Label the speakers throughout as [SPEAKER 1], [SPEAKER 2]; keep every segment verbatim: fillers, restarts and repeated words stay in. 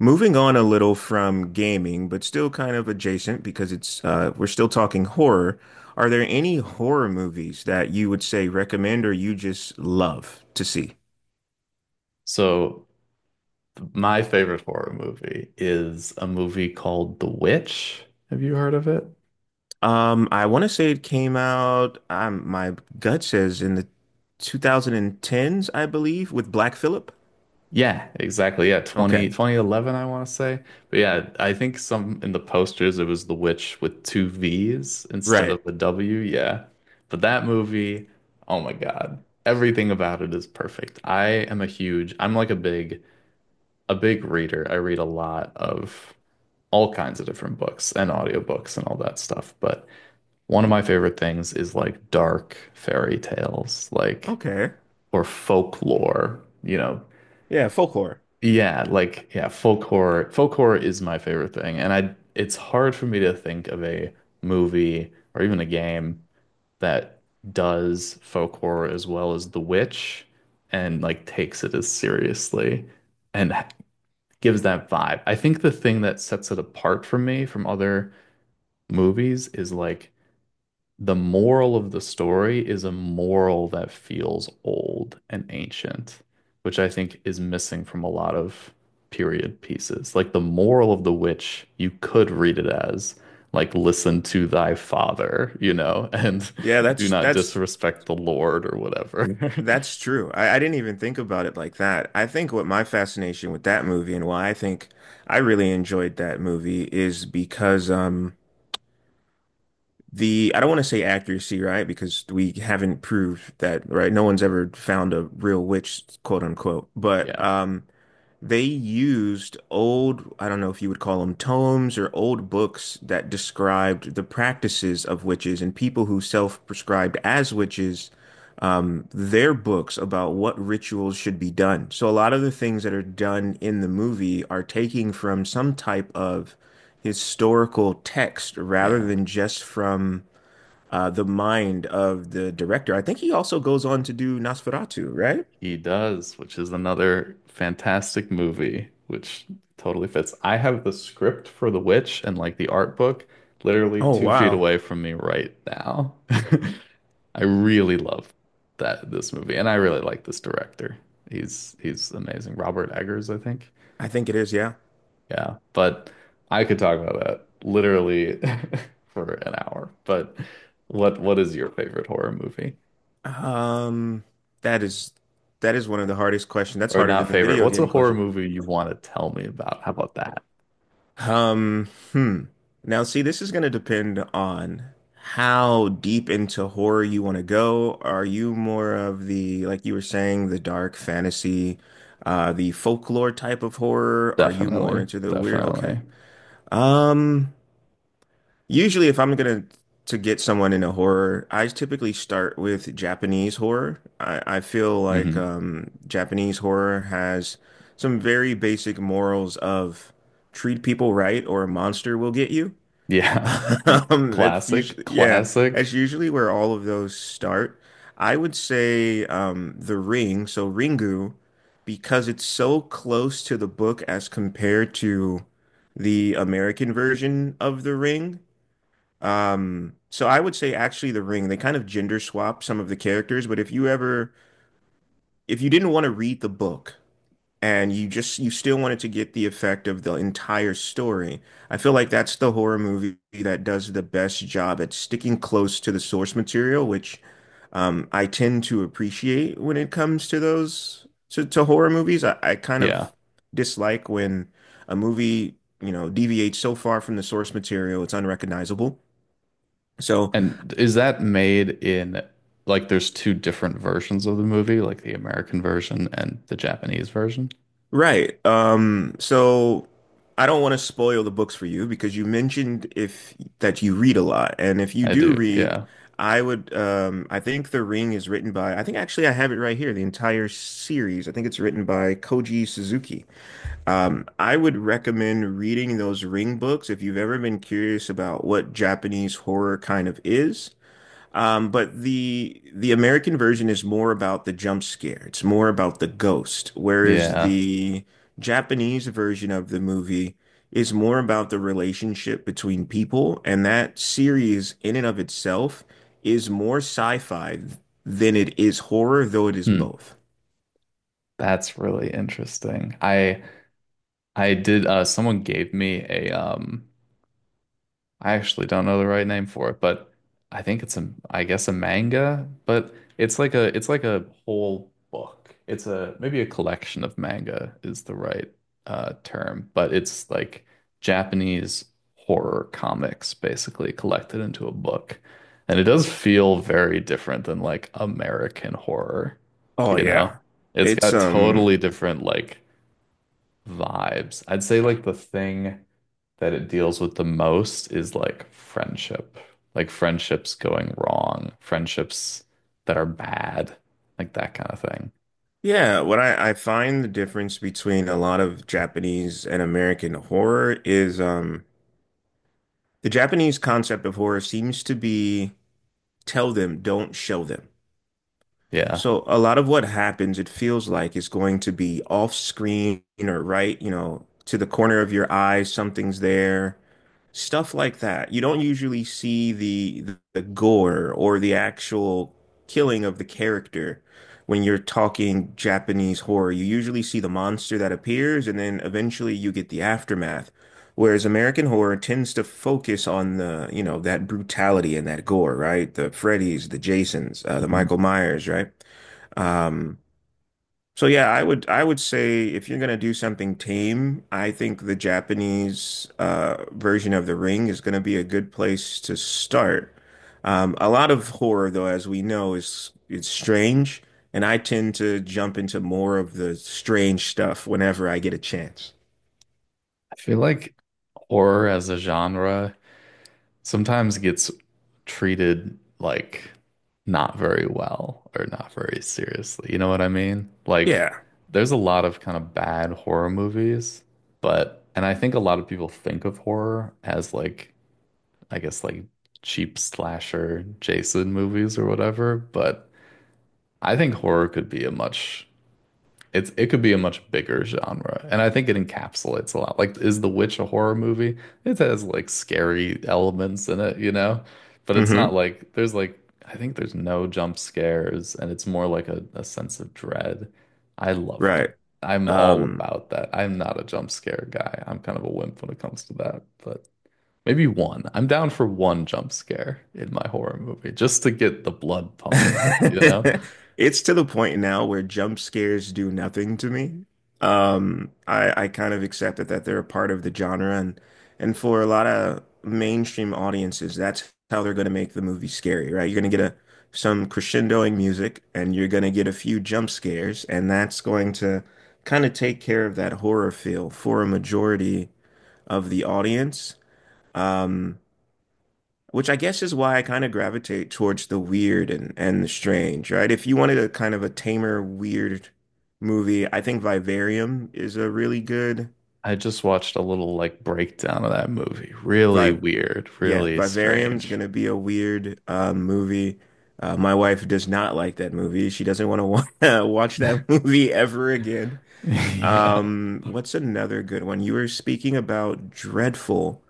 [SPEAKER 1] Moving on a little from gaming, but still kind of adjacent because it's uh, we're still talking horror. Are there any horror movies that you would say recommend or you just love to see?
[SPEAKER 2] So my favorite horror movie is a movie called The Witch. Have you heard of it?
[SPEAKER 1] Um, I want to say it came out, um, my gut says in the twenty tens, I believe, with Black Phillip.
[SPEAKER 2] Yeah, exactly. Yeah, twenty
[SPEAKER 1] Okay,
[SPEAKER 2] twenty eleven, I want to say. But yeah, I think some in the posters it was The Witch with two V's instead
[SPEAKER 1] right.
[SPEAKER 2] of the W. Yeah. But that movie, oh my God. Everything about it is perfect. I am a huge, I'm like a big, a big reader. I read a lot of all kinds of different books and audiobooks and all that stuff. But one of my favorite things is like dark fairy tales, like
[SPEAKER 1] Okay.
[SPEAKER 2] or folklore, you know.
[SPEAKER 1] Yeah, folk horror.
[SPEAKER 2] Yeah, like yeah, folk horror. Folk horror is my favorite thing, and I it's hard for me to think of a movie or even a game that does folk horror as well as The Witch and like takes it as seriously and h- gives that vibe. I think the thing that sets it apart for me from other movies is like the moral of the story is a moral that feels old and ancient, which I think is missing from a lot of period pieces. Like the moral of the witch, you could read it as like listen to thy father, you know, and
[SPEAKER 1] Yeah,
[SPEAKER 2] do
[SPEAKER 1] that's
[SPEAKER 2] not
[SPEAKER 1] that's
[SPEAKER 2] disrespect the Lord or whatever.
[SPEAKER 1] That's true. I, I didn't even think about it like that. I think what my fascination with that movie and why I think I really enjoyed that movie is because um the I don't want to say accuracy, right? Because we haven't proved that, right? No one's ever found a real witch, quote unquote. But
[SPEAKER 2] Yeah,
[SPEAKER 1] um they used old, I don't know if you would call them tomes or old books that described the practices of witches and people who self-prescribed as witches, um, their books about what rituals should be done. So a lot of the things that are done in the movie are taking from some type of historical text rather
[SPEAKER 2] yeah.
[SPEAKER 1] than just from uh, the mind of the director. I think he also goes on to do Nosferatu, right?
[SPEAKER 2] He does, which is another fantastic movie, which totally fits. I have the script for The Witch and like the art book literally
[SPEAKER 1] Oh,
[SPEAKER 2] two feet
[SPEAKER 1] wow.
[SPEAKER 2] away from me right now. I really love that this movie, and I really like this director. He's he's amazing. Robert Eggers, I think.
[SPEAKER 1] I think it is, yeah.
[SPEAKER 2] Yeah, but I could talk about that literally for an hour. But what what is your favorite horror movie?
[SPEAKER 1] Um, that is that is one of the hardest questions. That's
[SPEAKER 2] Or
[SPEAKER 1] harder than
[SPEAKER 2] not
[SPEAKER 1] the
[SPEAKER 2] favorite?
[SPEAKER 1] video
[SPEAKER 2] What's a
[SPEAKER 1] game
[SPEAKER 2] horror
[SPEAKER 1] question.
[SPEAKER 2] movie you want to tell me about? How about that?
[SPEAKER 1] Um, hmm. Now, see, this is going to depend on how deep into horror you want to go. Are you more of the, like you were saying, the dark fantasy, uh, the folklore type of horror? Are you more
[SPEAKER 2] Definitely.
[SPEAKER 1] into the weird? Okay.
[SPEAKER 2] Definitely.
[SPEAKER 1] Um, Usually, if I'm gonna to get someone into horror, I typically start with Japanese horror. I, I feel like
[SPEAKER 2] Hmm
[SPEAKER 1] um, Japanese horror has some very basic morals of treat people right or a monster will get you.
[SPEAKER 2] Yeah.
[SPEAKER 1] Um, that's usually
[SPEAKER 2] Classic.
[SPEAKER 1] yeah, that's
[SPEAKER 2] Classic.
[SPEAKER 1] usually where all of those start. I would say um, The Ring, so Ringu, because it's so close to the book as compared to the American version of The Ring. Um, so I would say actually The Ring, they kind of gender swap some of the characters, but if you ever if you didn't want to read the book and you just you still wanted to get the effect of the entire story, I feel like that's the horror movie that does the best job at sticking close to the source material, which um I tend to appreciate when it comes to those to, to horror movies. I, I kind
[SPEAKER 2] Yeah.
[SPEAKER 1] of dislike when a movie, you know, deviates so far from the source material it's unrecognizable. So
[SPEAKER 2] And is that made in like there's two different versions of the movie, like the American version and the Japanese version?
[SPEAKER 1] right. Um, so I don't want to spoil the books for you because you mentioned if that you read a lot. And if you
[SPEAKER 2] I
[SPEAKER 1] do
[SPEAKER 2] do.
[SPEAKER 1] read,
[SPEAKER 2] Yeah.
[SPEAKER 1] I would um I think The Ring is written by I think actually I have it right here, the entire series. I think it's written by Koji Suzuki. Um, I would recommend reading those Ring books if you've ever been curious about what Japanese horror kind of is. Um, but the the American version is more about the jump scare. It's more about the ghost, whereas
[SPEAKER 2] Yeah.
[SPEAKER 1] the Japanese version of the movie is more about the relationship between people, and that series in and of itself is more sci-fi than it is horror, though it is
[SPEAKER 2] Hmm.
[SPEAKER 1] both.
[SPEAKER 2] That's really interesting. I I did uh someone gave me a um I actually don't know the right name for it, but I think it's a, I guess a manga, but it's like a, it's like a whole book. It's a, maybe a collection of manga is the right uh, term, but it's like Japanese horror comics basically collected into a book. And it does feel very different than like American horror,
[SPEAKER 1] Oh
[SPEAKER 2] you know?
[SPEAKER 1] yeah.
[SPEAKER 2] It's
[SPEAKER 1] It's
[SPEAKER 2] got
[SPEAKER 1] um
[SPEAKER 2] totally different like vibes. I'd say like the thing that it deals with the most is like friendship, like friendships going wrong, friendships that are bad, like that kind of thing.
[SPEAKER 1] yeah, what I, I find the difference between a lot of Japanese and American horror is um the Japanese concept of horror seems to be tell them, don't show them.
[SPEAKER 2] Yeah.
[SPEAKER 1] So a lot of what happens, it feels like, is going to be off screen or right, you know, to the corner of your eye, something's there stuff like that. You don't usually see the the gore or the actual killing of the character when you're talking Japanese horror. You usually see the monster that appears and then eventually you get the aftermath. Whereas American horror tends to focus on the, you know, that brutality and that gore, right? The Freddy's, the Jasons, uh, the
[SPEAKER 2] Mhm.
[SPEAKER 1] Michael Myers, right? Um, so yeah, I would I would say if you're gonna do something tame, I think the Japanese uh, version of The Ring is gonna be a good place to start. Um, a lot of horror, though, as we know, is it's strange, and I tend to jump into more of the strange stuff whenever I get a chance.
[SPEAKER 2] I feel like horror as a genre sometimes gets treated like not very well or not very seriously. You know what I mean? Like
[SPEAKER 1] Yeah.
[SPEAKER 2] there's a lot of kind of bad horror movies, but and I think a lot of people think of horror as like I guess like cheap slasher Jason movies or whatever, but I think horror could be a much it's it could be a much bigger genre. And I think it encapsulates a lot. Like is The Witch a horror movie? It has like scary elements in it, you know? But it's not
[SPEAKER 1] Hmm.
[SPEAKER 2] like there's like I think there's no jump scares and it's more like a, a sense of dread. I love that.
[SPEAKER 1] Right.
[SPEAKER 2] I'm all
[SPEAKER 1] Um,
[SPEAKER 2] about that. I'm not a jump scare guy. I'm kind of a wimp when it comes to that, but maybe one. I'm down for one jump scare in my horror movie just to get the blood pumping, you know?
[SPEAKER 1] it's to the point now where jump scares do nothing to me. Um, I I kind of accepted that they're a part of the genre, and and for a lot of mainstream audiences, that's how they're going to make the movie scary, right? You're going to get a some crescendoing music, and you're going to get a few jump scares, and that's going to kind of take care of that horror feel for a majority of the audience. Um, which I guess is why I kind of gravitate towards the weird and, and the strange, right? If you wanted a kind of a tamer, weird movie, I think Vivarium is a really good
[SPEAKER 2] I just watched a little like breakdown of that movie. Really
[SPEAKER 1] vibe.
[SPEAKER 2] weird,
[SPEAKER 1] Yeah,
[SPEAKER 2] really
[SPEAKER 1] Vivarium's
[SPEAKER 2] strange.
[SPEAKER 1] gonna be a weird uh, movie. Uh, my wife does not like that movie. She doesn't want to wa watch that movie ever again.
[SPEAKER 2] Yeah.
[SPEAKER 1] Um, what's another good one? You were speaking about Dreadful,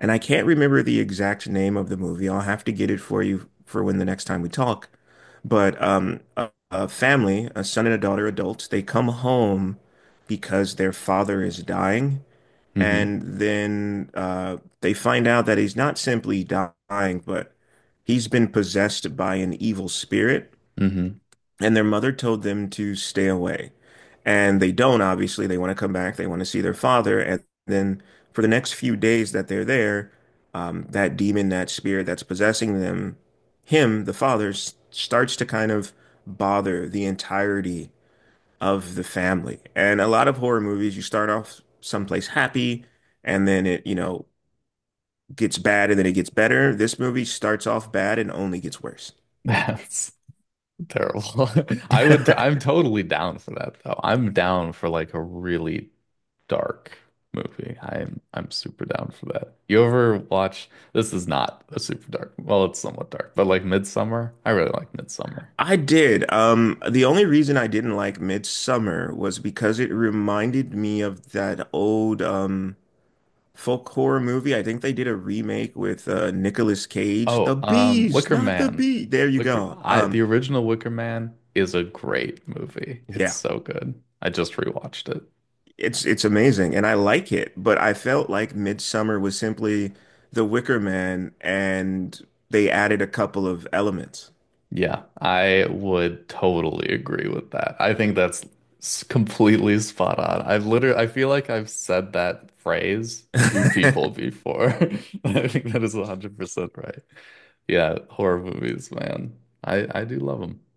[SPEAKER 1] and I can't remember the exact name of the movie. I'll have to get it for you for when the next time we talk. But um, a, a family, a son and a daughter, adults, they come home because their father is dying.
[SPEAKER 2] hmm
[SPEAKER 1] And then uh, they find out that he's not simply dying, but he's been possessed by an evil spirit.
[SPEAKER 2] hmm
[SPEAKER 1] And their mother told them to stay away. And they don't, obviously. They want to come back. They want to see their father. And then for the next few days that they're there, um, that demon, that spirit that's possessing them, him, the father, s- starts to kind of bother the entirety of the family. And a lot of horror movies, you start off someplace happy, and then it, you know, gets bad and then it gets better. This movie starts off bad and only gets worse.
[SPEAKER 2] That's terrible. I would, I'm totally down for that though. I'm down for like a really dark movie. I'm, I'm super down for that. You ever watch, this is not a super dark, well, it's somewhat dark, but like Midsummer? I really like Midsummer.
[SPEAKER 1] I did. Um, the only reason I didn't like Midsummer was because it reminded me of that old um folk horror movie. I think they did a remake with uh Nicolas Cage. The
[SPEAKER 2] Oh, um,
[SPEAKER 1] bees,
[SPEAKER 2] Wicker
[SPEAKER 1] not the
[SPEAKER 2] Man.
[SPEAKER 1] bee. There you
[SPEAKER 2] Wicker,
[SPEAKER 1] go.
[SPEAKER 2] I The
[SPEAKER 1] Um,
[SPEAKER 2] original Wicker Man is a great movie. It's
[SPEAKER 1] yeah,
[SPEAKER 2] so good. I just rewatched it.
[SPEAKER 1] it's it's amazing and I like it, but I felt like Midsummer was simply The Wicker Man and they added a couple of elements.
[SPEAKER 2] Yeah, I would totally agree with that. I think that's s- completely spot on. I've literally, I feel like I've said that phrase to people before. I think that is one hundred percent right. Yeah, horror movies, man. I I do love them.